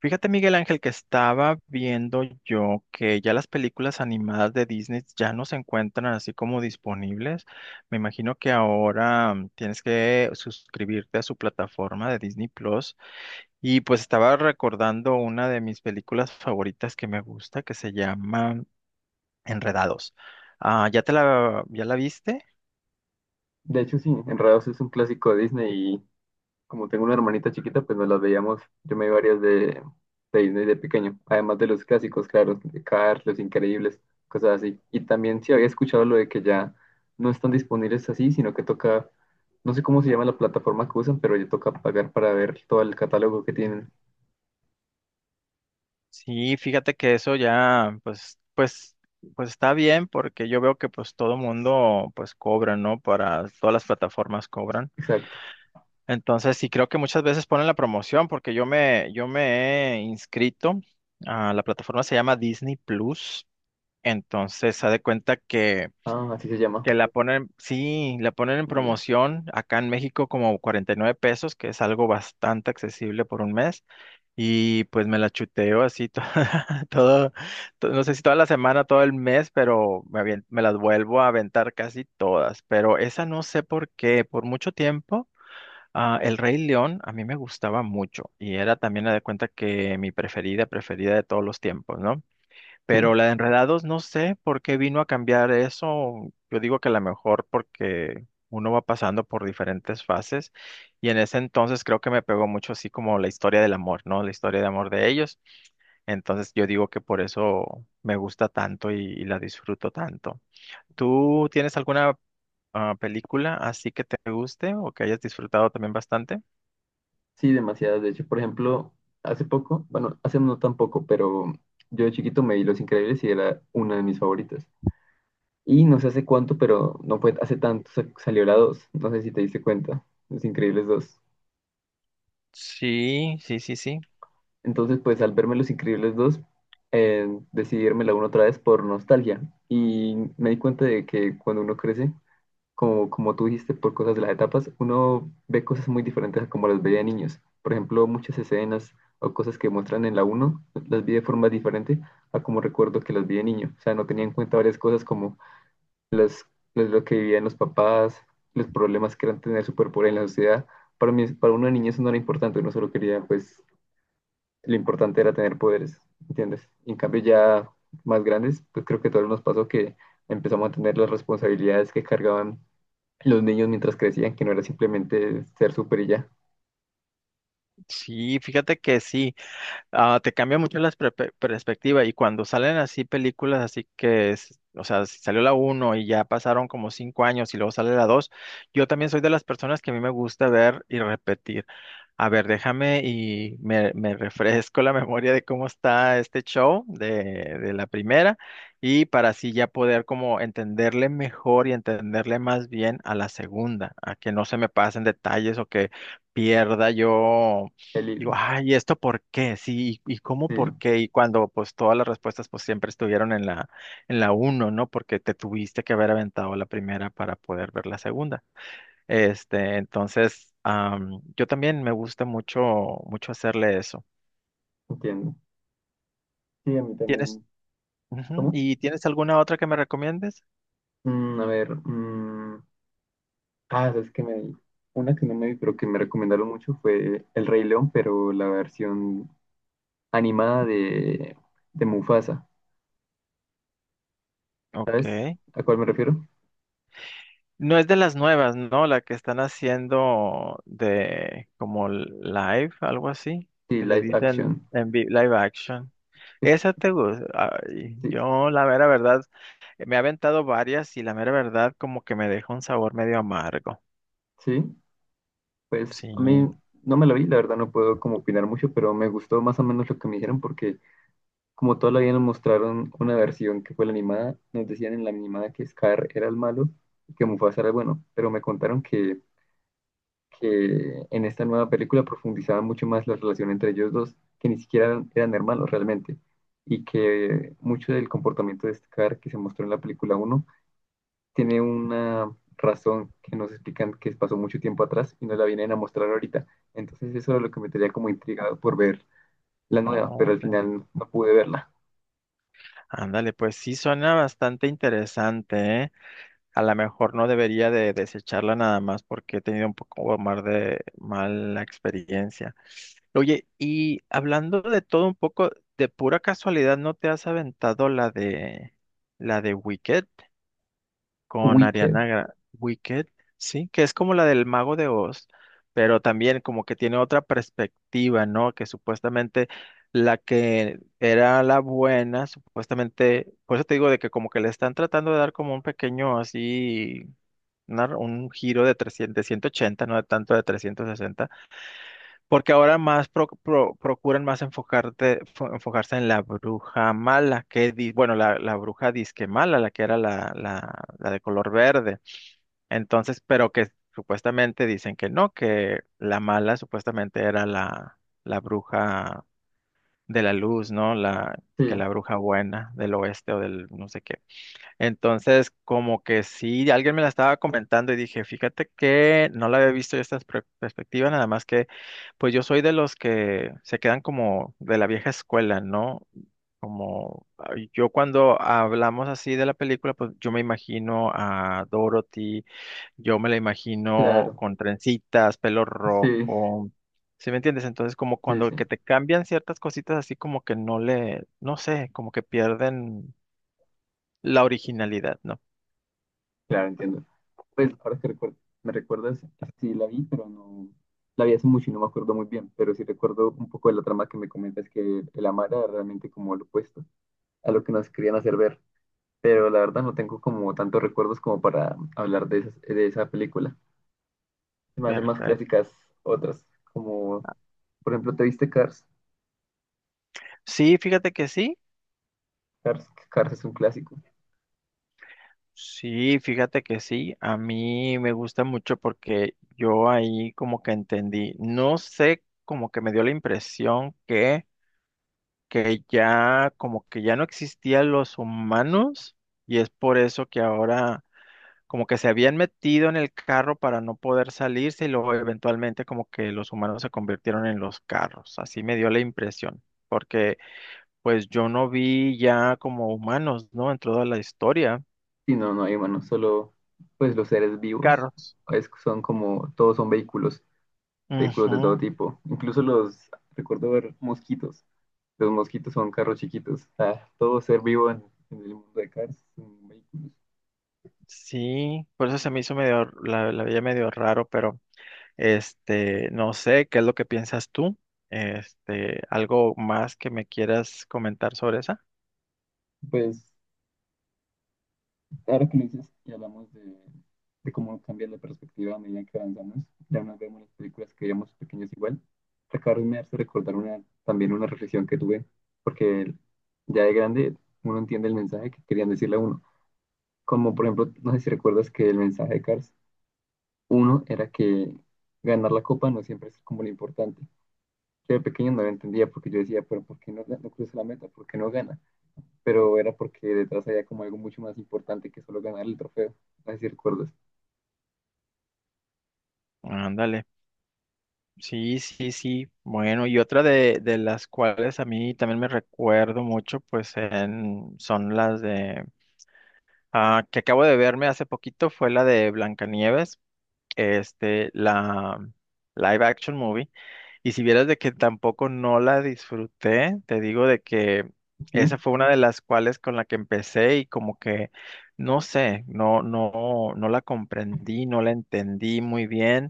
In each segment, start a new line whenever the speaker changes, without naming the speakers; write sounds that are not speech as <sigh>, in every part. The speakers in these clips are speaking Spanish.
Fíjate, Miguel Ángel, que estaba viendo yo que ya las películas animadas de Disney ya no se encuentran así como disponibles. Me imagino que ahora tienes que suscribirte a su plataforma de Disney Plus. Y pues estaba recordando una de mis películas favoritas que me gusta, que se llama Enredados. Ah, ya la viste?
De hecho, sí, Enredados es un clásico de Disney y como tengo una hermanita chiquita, pues nos las veíamos. Yo me vi varias de Disney de pequeño, además de los clásicos, claro, de Cars, Los Increíbles, cosas así. Y también sí había escuchado lo de que ya no están disponibles así, sino que toca, no sé cómo se llama la plataforma que usan, pero ya toca pagar para ver todo el catálogo que tienen.
Sí, fíjate que eso ya, pues está bien porque yo veo que pues todo mundo pues cobra, ¿no? Para todas las plataformas cobran.
Exacto.
Entonces, sí creo que muchas veces ponen la promoción porque yo me he inscrito a la plataforma se llama Disney Plus. Entonces, se da cuenta que
Ah, así se llama.
que la ponen, sí, la ponen en
Mm, ya.
promoción acá en México como 49 pesos, que es algo bastante accesible por un mes. Y pues me la chuteo así <laughs> todo, no sé si toda la semana, todo el mes, pero me las vuelvo a aventar casi todas. Pero esa no sé por qué, por mucho tiempo, El Rey León a mí me gustaba mucho y era también me de cuenta que mi preferida, preferida de todos los tiempos, ¿no?
Sí.
Pero la de Enredados, no sé por qué vino a cambiar eso. Yo digo que a lo mejor porque uno va pasando por diferentes fases y en ese entonces creo que me pegó mucho así como la historia del amor, ¿no? La historia de amor de ellos. Entonces yo digo que por eso me gusta tanto y la disfruto tanto. ¿Tú tienes alguna película así que te guste o que hayas disfrutado también bastante?
Sí, demasiadas. De hecho, por ejemplo, hace poco, bueno, hace no tan poco, pero yo de chiquito me vi Los Increíbles y era una de mis favoritas. Y no sé hace cuánto, pero no fue hace tanto, salió la dos. No sé si te diste cuenta, Los Increíbles dos.
Sí, sí, sí, sí.
Entonces, pues al verme Los Increíbles dos decidí verme la uno otra vez por nostalgia. Y me di cuenta de que cuando uno crece, como, como tú dijiste, por cosas de las etapas, uno ve cosas muy diferentes a como las veía de niños. Por ejemplo, muchas escenas o cosas que muestran en la uno las vi de forma diferente a como recuerdo que las vi de niño. O sea, no tenía en cuenta varias cosas como las, lo que vivían los papás, los problemas que eran tener superpoder en la sociedad. Para mí, para una niño eso no era importante, uno solo quería, pues, lo importante era tener poderes, ¿entiendes? Y en cambio ya más grandes, pues creo que a todos nos pasó que empezamos a tener las responsabilidades que cargaban los niños mientras crecían, que no era simplemente ser súper y ya,
Sí, fíjate que sí. Te cambia mucho la perspectiva y cuando salen así películas, así que, o sea, si salió la uno y ya pasaron como 5 años y luego sale la dos. Yo también soy de las personas que a mí me gusta ver y repetir. A ver, déjame y me refresco la <laughs> memoria de cómo está este show de la primera y para así ya poder como entenderle mejor y entenderle más bien a la segunda, a que no se me pasen detalles o que pierda yo.
el
Digo,
hilo.
ay, ¿y esto por qué? Sí, ¿y cómo
Sí,
por qué? Y cuando pues todas las respuestas pues siempre estuvieron en la, uno, ¿no? Porque te tuviste que haber aventado la primera para poder ver la segunda. Este, entonces, yo también me gusta mucho, mucho hacerle eso.
entiendo. Sí, a mí
¿Tienes,
también.
Ujú,
¿Cómo?
¿y tienes alguna otra que me recomiendes?
Mm, a ver, mm, es que me vi. Una que no me vi, pero que me recomendaron mucho fue El Rey León, pero la versión animada de Mufasa.
Ok.
¿Sabes a cuál me refiero?
No es de las nuevas, ¿no? La que están haciendo de como live, algo así,
Sí,
que le
live
dicen
action.
en live action.
Es-
Esa te gusta. Ay,
sí,
yo la mera verdad, me he aventado varias y la mera verdad como que me deja un sabor medio amargo.
sí, pues
Sí.
a mí no me la vi, la verdad no puedo como opinar mucho, pero me gustó más o menos lo que me dijeron porque como todavía nos mostraron una versión que fue la animada, nos decían en la animada que Scar era el malo y que Mufasa era el bueno, pero me contaron que en esta nueva película profundizaban mucho más la relación entre ellos dos, que ni siquiera eran hermanos realmente, y que mucho del comportamiento de Scar que se mostró en la película uno tiene una razón que nos explican que pasó mucho tiempo atrás y nos la vienen a mostrar ahorita. Entonces eso era lo que me tenía como intrigado por ver la nueva, pero
Oh,
al
ok.
final no pude verla.
Ándale, pues sí suena bastante interesante, ¿eh? A lo mejor no debería de desecharla nada más porque he tenido un poco más de mala experiencia. Oye, y hablando de todo un poco, de pura casualidad, ¿no te has aventado la de Wicked?
Wicked.
Wicked, sí, que es como la del Mago de Oz, pero también como que tiene otra perspectiva, ¿no? Que supuestamente la que era la buena, supuestamente, por eso te digo de que como que le están tratando de dar como un pequeño así, un giro de 300, de 180, no de tanto de 360. Porque ahora más procuran más enfocarse en la bruja mala, bueno, la bruja disque mala, la que era la de color verde. Entonces, pero que supuestamente dicen que no, que la mala supuestamente era la bruja de la luz, ¿no? Que
Sí,
la bruja buena del oeste o del no sé qué. Entonces, como que sí, alguien me la estaba comentando y dije, fíjate que no la había visto yo esta perspectiva, nada más que, pues yo soy de los que se quedan como de la vieja escuela, ¿no? Como yo cuando hablamos así de la película, pues yo me imagino a Dorothy, yo me la imagino
claro,
con trencitas, pelo
sí,
rojo, ¿sí me entiendes? Entonces, como
sí,
cuando
sí,
que te cambian ciertas cositas así como que no le, no sé, como que pierden la originalidad, ¿no?
claro, entiendo. Pues ahora que recuerdo, me recuerdas, sí la vi, pero no, la vi hace mucho y no me acuerdo muy bien, pero sí recuerdo un poco de la trama que me comentas que el amar era realmente como lo opuesto a lo que nos querían hacer ver, pero la verdad no tengo como tantos recuerdos como para hablar de esas- de esa película. Se me hacen más
Perfecto.
clásicas otras, como por ejemplo, ¿te viste Cars?
Sí, fíjate que sí,
Cars, Cars es un clásico.
sí, fíjate que sí, a mí me gusta mucho porque yo ahí como que entendí, no sé, como que me dio la impresión que ya, como que ya no existían los humanos y es por eso que ahora como que se habían metido en el carro para no poder salirse y luego eventualmente como que los humanos se convirtieron en los carros, así me dio la impresión, porque... Pues yo no vi ya como humanos, ¿no? En toda la historia.
Sí, no, no hay humanos, solo pues los seres vivos,
Carros.
es- son como, todos son vehículos vehículos
Ujú.
de todo tipo. Incluso los, recuerdo ver mosquitos. Los mosquitos son carros chiquitos. Ah, todo ser vivo en el mundo de Cars son vehículos.
Sí, por eso se me hizo medio, la veía medio raro, pero este, no sé, ¿qué es lo que piensas tú? Este, algo más que me quieras comentar sobre esa.
Pues ahora que lo dices y hablamos de cómo cambia la perspectiva a medida que avanzamos, ya nos vemos las películas que veíamos pequeños igual. Acabo me hace recordar una, también una reflexión que tuve, porque ya de grande uno entiende el mensaje que querían decirle a uno. Como por ejemplo, no sé si recuerdas que el mensaje de Cars uno era que ganar la copa no siempre es como lo importante. Yo de pequeño no lo entendía porque yo decía, pero ¿por qué no, no cruza la meta? ¿Por qué no gana? Pero era porque detrás había como algo mucho más importante que solo ganar el trofeo. Así recuerdas.
Ándale. Sí, sí, sí. Bueno, y otra de las cuales a mí también me recuerdo mucho, pues son las de, que acabo de verme hace poquito, fue la de Blancanieves. Este, la live action movie. Y si vieras de que tampoco no la disfruté, te digo de que esa
Sí,
fue una de las cuales con la que empecé y como que, no sé, no la comprendí, no la entendí muy bien.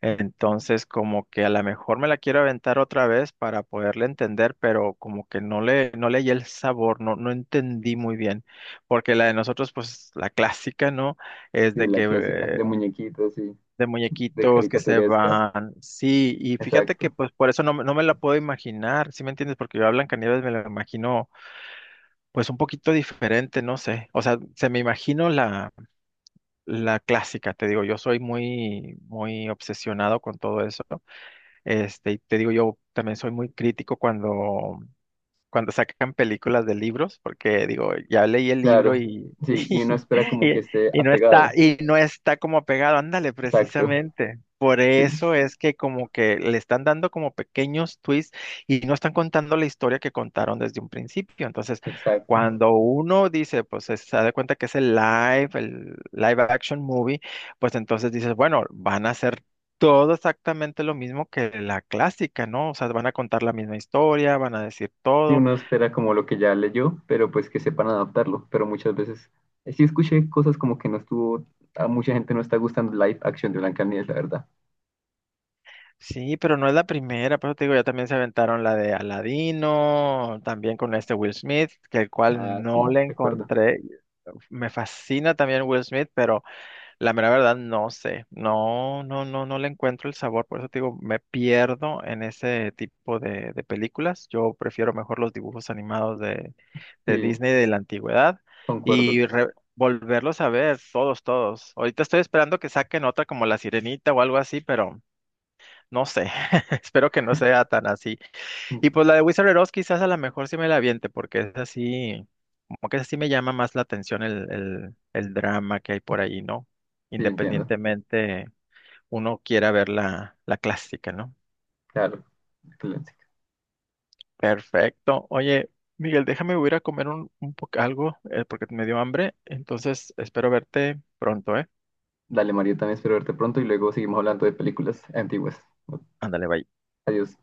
Entonces, como que a lo mejor me la quiero aventar otra vez para poderla entender, pero como que no le hallé el sabor, no entendí muy bien. Porque la de nosotros, pues, la clásica, ¿no? Es
de
de
la clásica,
que
de muñequitos y
de
de
muñequitos que se
caricaturesca.
van. Sí, y fíjate que
Exacto.
pues por eso no, no me la puedo imaginar, ¿sí me entiendes? Porque yo a Blancanieves me la imagino pues un poquito diferente, no sé. O sea, se me imagino la clásica, te digo, yo soy muy, muy obsesionado con todo eso. Este, y te digo, yo también soy muy crítico cuando sacan películas de libros, porque digo, ya leí el libro
Claro.
<laughs>
Sí, y uno espera como que
y-
esté apegado.
y no está como pegado, ándale,
Exacto.
precisamente. Por
Sí,
eso es que como que le están dando como pequeños twists y no están contando la historia que contaron desde un principio. Entonces,
exacto.
cuando uno dice, pues se da cuenta que es el live action movie, pues entonces dices, bueno, van a hacer todo exactamente lo mismo que la clásica, ¿no? O sea, van a contar la misma historia, van a decir
Sí,
todo.
uno espera como lo que ya leyó, pero pues que sepan adaptarlo. Pero muchas veces sí escuché cosas como que no estuvo, a mucha gente no está gustando live action de Blancanieves, la verdad.
Sí, pero no es la primera, por eso te digo, ya también se aventaron la de Aladino, también con este Will Smith, que el cual
Ah, sí,
no le
recuerdo.
encontré. Me fascina también Will Smith, pero la mera verdad no sé. No, no, no, no le encuentro el sabor, por eso te digo, me pierdo en ese tipo de películas. Yo prefiero mejor los dibujos animados de
Sí,
Disney de la antigüedad
concuerdo.
y volverlos a ver todos, todos. Ahorita estoy esperando que saquen otra como La Sirenita o algo así, pero. No sé, <laughs> espero que no sea tan así.
Mm,
Y pues la de Wizard of Oz quizás a lo mejor sí me la aviente, porque es así, como que así me llama más la atención el drama que hay por ahí, ¿no?
sí, entiendo.
Independientemente uno quiera ver la clásica, ¿no?
Claro. Excelente.
Perfecto. Oye, Miguel, déjame voy a ir a comer un poco algo, porque me dio hambre, entonces espero verte pronto, ¿eh?
Dale, Mario, también espero verte pronto y luego seguimos hablando de películas antiguas.
Ándale, bye.
Adiós.